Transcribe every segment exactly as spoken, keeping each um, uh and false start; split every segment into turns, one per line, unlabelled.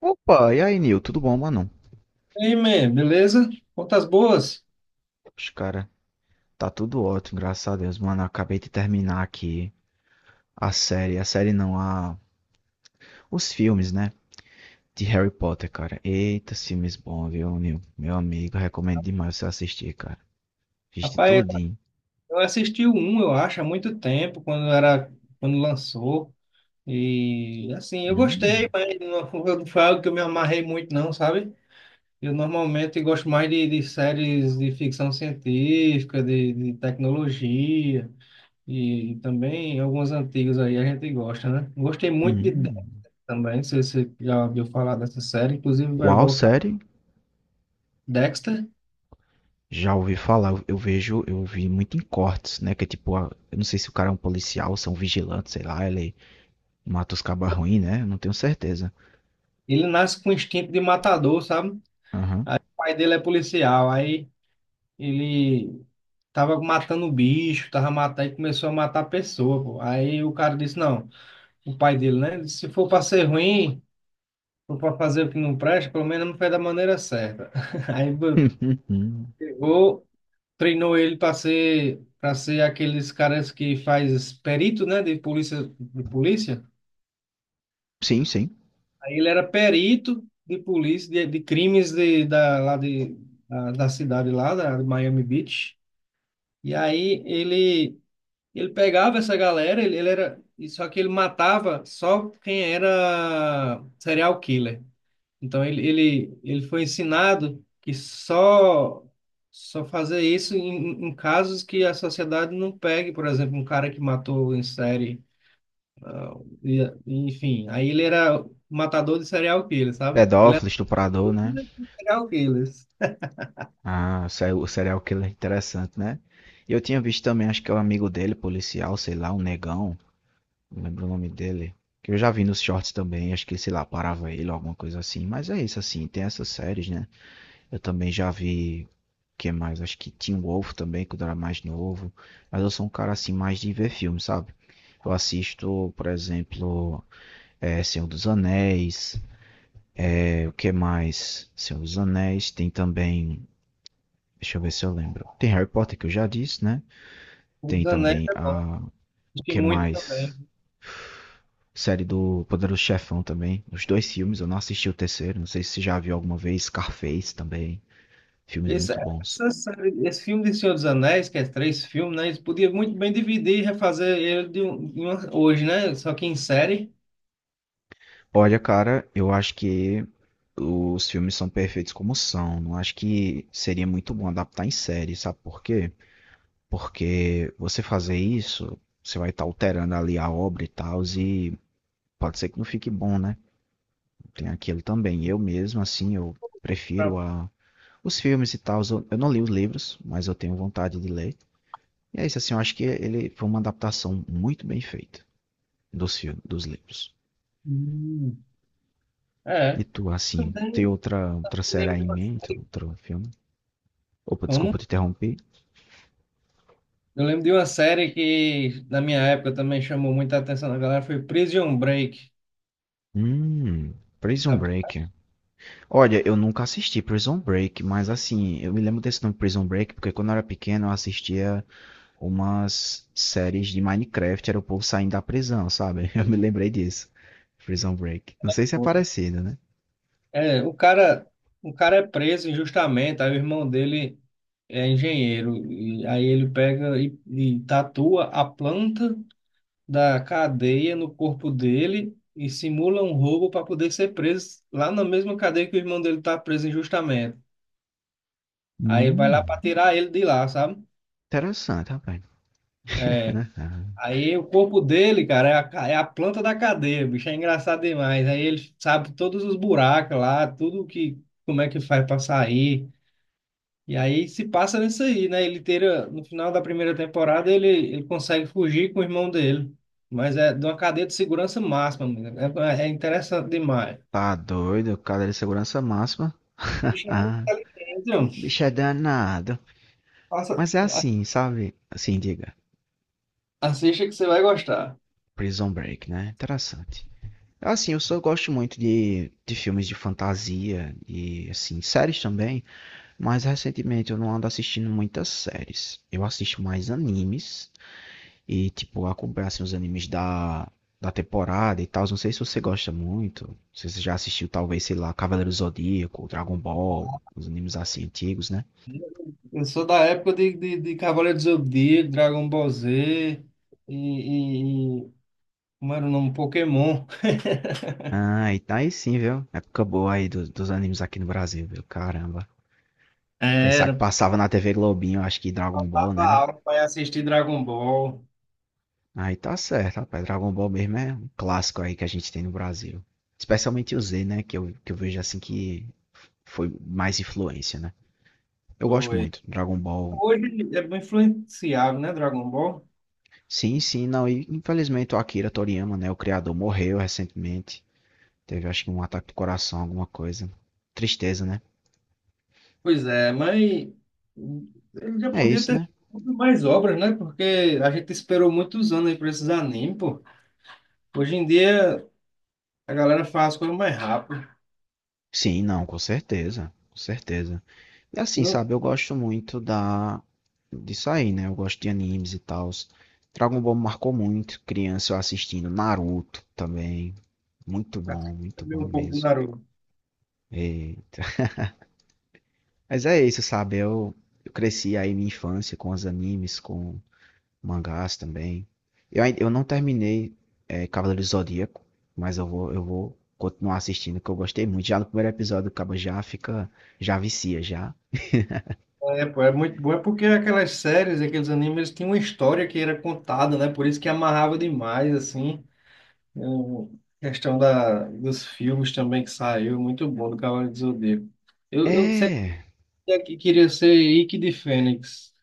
Opa, e aí, Nil? Tudo bom, mano?
E aí, man, beleza? Contas boas?
Os cara, tá tudo ótimo, graças a Deus, mano. Acabei de terminar aqui a série, a série não, a... os filmes, né? De Harry Potter, cara. Eita, filmes bons, viu, Nil? Meu amigo, recomendo demais você assistir, cara. Viste
Rapaz,
tudinho.
eu assisti o um, eu acho, há muito tempo, quando era, quando lançou. E assim, eu gostei,
Hum,
mas não foi não foi algo que eu me amarrei muito, não, sabe? Eu normalmente gosto mais de, de séries de ficção científica, de, de tecnologia, e também alguns antigos aí a gente gosta, né? Gostei muito de Dexter
hum.
também, se você já ouviu falar dessa série, inclusive vai
Qual
voltar
série?
Dexter.
Já ouvi falar, eu eu vejo, eu vi muito em cortes, né? Que é tipo, a- eu não sei se o cara é um policial, se é um vigilante, sei lá, ele mata os cabarruins, né? Eu não tenho certeza.
Ele nasce com instinto de matador, sabe?
Aham.
Pai dele é policial, aí ele tava matando bicho, tava matando e começou a matar pessoa, pô. Aí o cara disse, não, o pai dele, né, disse, se for para ser ruim, for para fazer o que não presta, pelo menos não faz da maneira certa. Aí bo- pegou, treinou ele para ser para ser aqueles caras que faz perito, né, de polícia, de polícia.
Sim, sim.
Aí ele era perito de polícia de, de crimes de, da lá de da, da cidade lá, da de Miami Beach. E aí ele ele pegava essa galera, ele, ele era e só que ele matava só quem era serial killer. Então ele ele ele foi ensinado que só só fazer isso em, em casos que a sociedade não pegue, por exemplo, um cara que matou em série, ah, e, e, enfim. Aí ele era matador de serial killer, sabe? Ele era
Pedófilo, estuprador, né?
um serial killer.
Ah, se- o serial killer interessante, né? E eu tinha visto também, acho que é o amigo dele, policial, sei lá, um negão, não lembro o nome dele. Que eu já vi nos shorts também, acho que, sei lá, parava ele, alguma coisa assim. Mas é isso, assim, tem essas séries, né? Eu também já vi, que mais? Acho que Teen Wolf também, quando eu era mais novo. Mas eu sou um cara, assim, mais de ver filme, sabe? Eu assisto, por exemplo, é, Senhor dos Anéis, é, o que mais? Senhor dos Anéis, tem também... Deixa eu ver se eu lembro. Tem Harry Potter, que eu já disse, né?
O
Tem
Zanetti
também
é bom,
a. O
assisti
que
muito também.
mais? Série do Poderoso Chefão também. Os dois filmes, eu não assisti o terceiro. Não sei se você já viu alguma vez. Scarface também. Filmes
Isso,
muito bons.
essa série- esse filme de Senhor dos Anéis, que é três filmes, né? Eles podiam muito bem dividir e refazer ele de um- em uma- hoje, né? Só que em série.
Olha, cara, eu acho que os filmes são perfeitos como são. Não acho que seria muito bom adaptar em série, sabe por quê? Porque você fazer isso, você vai estar alterando ali a obra e tal, e pode ser que não fique bom, né? Tem aquilo também. Eu mesmo, assim, eu
pra-
prefiro a, os filmes e tal. Eu, eu não li os livros, mas eu tenho vontade de ler. E é isso, assim, eu acho que ele foi uma adaptação muito bem feita dos filmes, dos livros.
Hum. É.
E tu, assim, tem
Também
outra, outra série
lembro
aí
de
em
uma
mente,
série.
outro filme? Opa,
Como?
desculpa te interromper.
Eu lembro de uma série que na minha época também chamou muita atenção da galera, foi Prison Break.
Hum, Prison
Sabe?
Break. Olha, eu nunca assisti Prison Break, mas assim, eu me lembro desse nome Prison Break, porque quando eu era pequeno eu assistia umas séries de Minecraft, era o povo saindo da prisão, sabe? Eu me lembrei disso. Prison Break. Não sei se é parecido, né?
É, o cara, o cara é preso injustamente, aí o irmão dele é engenheiro, e aí ele pega e, e tatua a planta da cadeia no corpo dele e simula um roubo para poder ser preso lá na mesma cadeia que o irmão dele tá preso injustamente. Aí ele vai
Hum,
lá para tirar ele de lá, sabe?
interessante, rapaz.
É, aí o corpo dele, cara, é a, ca- é a planta da cadeia, bicho, é engraçado demais. Aí ele sabe todos os buracos lá, tudo que, como é que faz para sair. E aí se passa nisso aí, né? Ele tira, no final da primeira temporada, ele, ele consegue fugir com o irmão dele. Mas é de uma cadeia de segurança máxima, amigo. É, é interessante demais.
Tá doido, cadeira de segurança máxima.
Bicho é muito inteligente, ó.
Bicho é danado.
Passa,
Mas é
a-
assim, sabe? Assim, diga.
assista que você vai gostar.
Prison Break, né? Interessante. Assim, eu só gosto muito de, de filmes de fantasia e, assim, séries também. Mas recentemente eu não ando assistindo muitas séries. Eu assisto mais animes e, tipo, acompanho assim, os animes da, da temporada e tal. Não sei se você gosta muito. Não sei se você já assistiu, talvez, sei lá, Cavaleiro do Zodíaco, Dragon Ball, os animes assim antigos, né?
Eu sou da época de, de, de Cavaleiro do Zodíaco, Dragon Ball Z e, e, e- como era o nome? Pokémon.
Ah, e tá aí sim, viu? Época boa aí do- dos animes aqui no Brasil, viu? Caramba. Pensar que
Era,
passava na T V Globinho, acho que Dragon Ball,
tava
né?
aula para assistir Dragon Ball.
Aí tá certo, rapaz. Dragon Ball mesmo é um clássico aí que a gente tem no Brasil. Especialmente o Z, né? Que eu, que eu vejo assim que foi mais influência, né? Eu gosto
Foi.
muito. Dragon Ball.
Hoje é bem influenciável, né, Dragon Ball?
Sim, sim, não. E infelizmente o Akira Toriyama, né? O criador morreu recentemente. Teve acho que um ataque do coração, alguma coisa. Tristeza, né?
Pois é, mas ele já
É
podia
isso,
ter
né?
feito mais obras, né? Porque a gente esperou muitos anos aí para esses animes, pô. Hoje em dia a galera faz as coisas mais rápido.
Sim, não, com certeza, com certeza. E assim, sabe, eu gosto muito da disso aí, né? Eu gosto de animes e tal. Dragon Ball me marcou muito, criança eu assistindo Naruto também, muito bom, muito
Também
bom
um pouco do
mesmo.
Naruto.
E- Mas é isso, sabe? Eu, eu cresci aí minha infância com os animes, com mangás também. Eu, ainda- eu não terminei é, Cavaleiro do Zodíaco, mas eu vou, eu vou continuar assistindo, que eu gostei muito. Já no primeiro episódio, o cabo já fica, já vicia, já.
É, pô, é muito bom, é porque aquelas séries, aqueles animes, eles tinham uma história que era contada, né? Por isso que amarrava demais, assim. Eu- questão da, dos filmes também que saiu, muito bom, do Cavaleiro do Zodíaco. Eu, eu sempre
É.
que- queria ser Ikki de Fênix.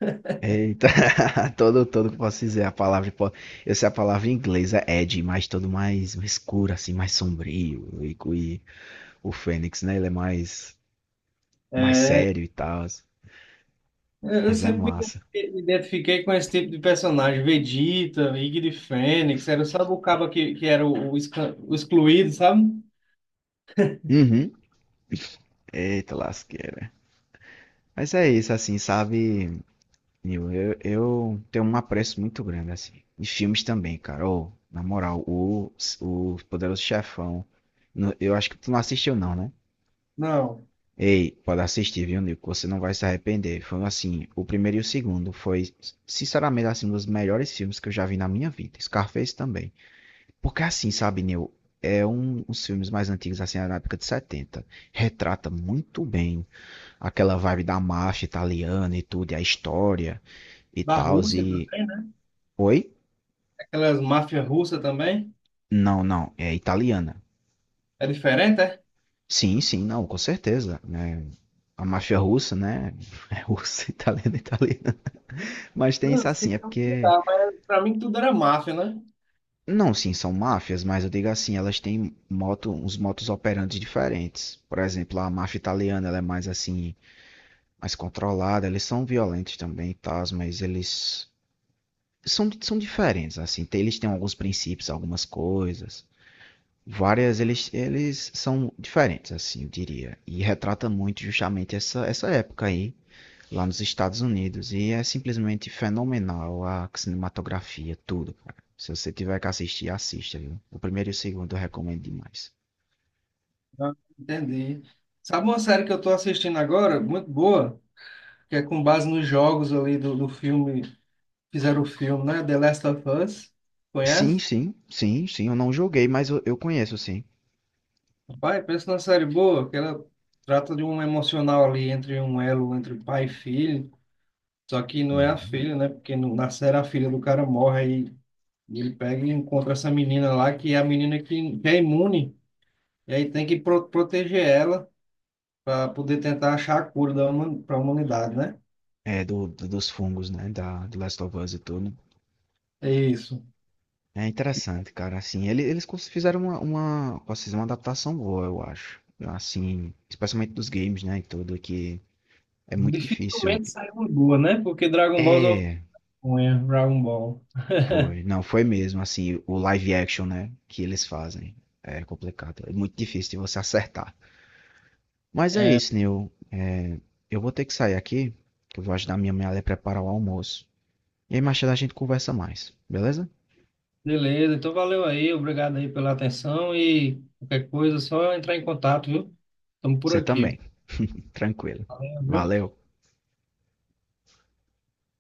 Eita, todo, todo, que posso dizer a palavra, po- eu sei a palavra inglesa, inglês é Ed, mas todo mais escuro, assim, mais sombrio, e, co- e o Fênix, né, ele é mais, mais
É,
sério e tal,
eu eu
mas é
sempre me
massa.
ide- me identifiquei com esse tipo de personagem, Vegeta, Ikki de Fênix, era, sabe o cabo que, que era o, o, esca- o excluído, sabe?
Uhum. Eita, lasqueira. Mas é isso, assim, sabe, Nil, eu, eu tenho um apreço muito grande, assim, e filmes também, cara, ô, na moral, o, o Poderoso Chefão, no- eu acho que tu não assistiu não, né?
Não,
Ei, pode assistir, viu, Nico? Você não vai se arrepender. Foi assim, o primeiro e o segundo foi, sinceramente, assim, um dos melhores filmes que eu já vi na minha vida. Scarface também. Porque assim, sabe, Neil? É um dos filmes mais antigos, assim, na época de setenta. Retrata muito bem aquela vibe da máfia italiana e tudo, e a história e
da
tal.
Rússia
E.
também, né?
Oi?
Aquelas máfias russas também.
Não, não, é italiana.
É diferente, é?
Sim, sim, não, com certeza. Né? A máfia russa, né? É russa, italiana, italiana. Mas tem
Não,
isso
sei
assim, é
que é um
porque
lugar, mas pra mim tudo era máfia, né?
não, sim, são máfias, mas eu digo assim, elas têm moto, uns motos operantes diferentes. Por exemplo, a máfia italiana, ela é mais assim, mais controlada, eles são violentos também, tá? Mas eles são, são diferentes, assim, tem- eles têm alguns princípios, algumas coisas. Várias, eles, eles são diferentes, assim, eu diria. E retrata muito justamente essa, essa época aí lá nos Estados Unidos. E é simplesmente fenomenal a cinematografia, tudo, cara. Se você tiver que assistir, assista, viu? O primeiro e o segundo eu recomendo demais.
Ah, entendi. Sabe uma série que eu tô assistindo agora, muito boa, que é com base nos jogos ali do, do filme, fizeram o filme, né? The Last of Us.
Sim,
Conhece?
sim, sim, sim. Eu não joguei, mas eu, eu conheço, sim.
Pai, pensa numa série boa, que ela trata de um emocional ali entre um elo, entre pai e filho. Só que não é a
Uhum.
filha, né? Porque no, na série a filha do cara morre aí. E ele pega e encontra essa menina lá, que é a menina que, que é imune. E aí tem que pro- proteger ela para poder tentar achar a cura para a humanidade, né?
É, do, do- dos fungos, né? Da, do Last of Us e tudo.
É isso.
É interessante, cara. Assim, ele- eles cons- fizeram uma, uma, posso dizer, uma adaptação boa, eu acho. Assim, especialmente dos games, né? E tudo, que é muito difícil.
Dificilmente sai uma boa, né? Porque Dragon Ball é
É,
uma Dragon Ball.
foi, não, foi mesmo, assim, o live action, né, que eles fazem. É complicado, é muito difícil de você acertar. Mas é
É,
isso, Neil. É, eu vou ter que sair aqui, que eu vou ajudar minha mãe a preparar o almoço. E aí mais tarde a gente conversa mais, beleza?
beleza, então valeu aí, obrigado aí pela atenção e qualquer coisa, é só entrar em contato, viu? Estamos por
Você
aqui.
também. Tranquilo.
Valeu, viu?
Valeu.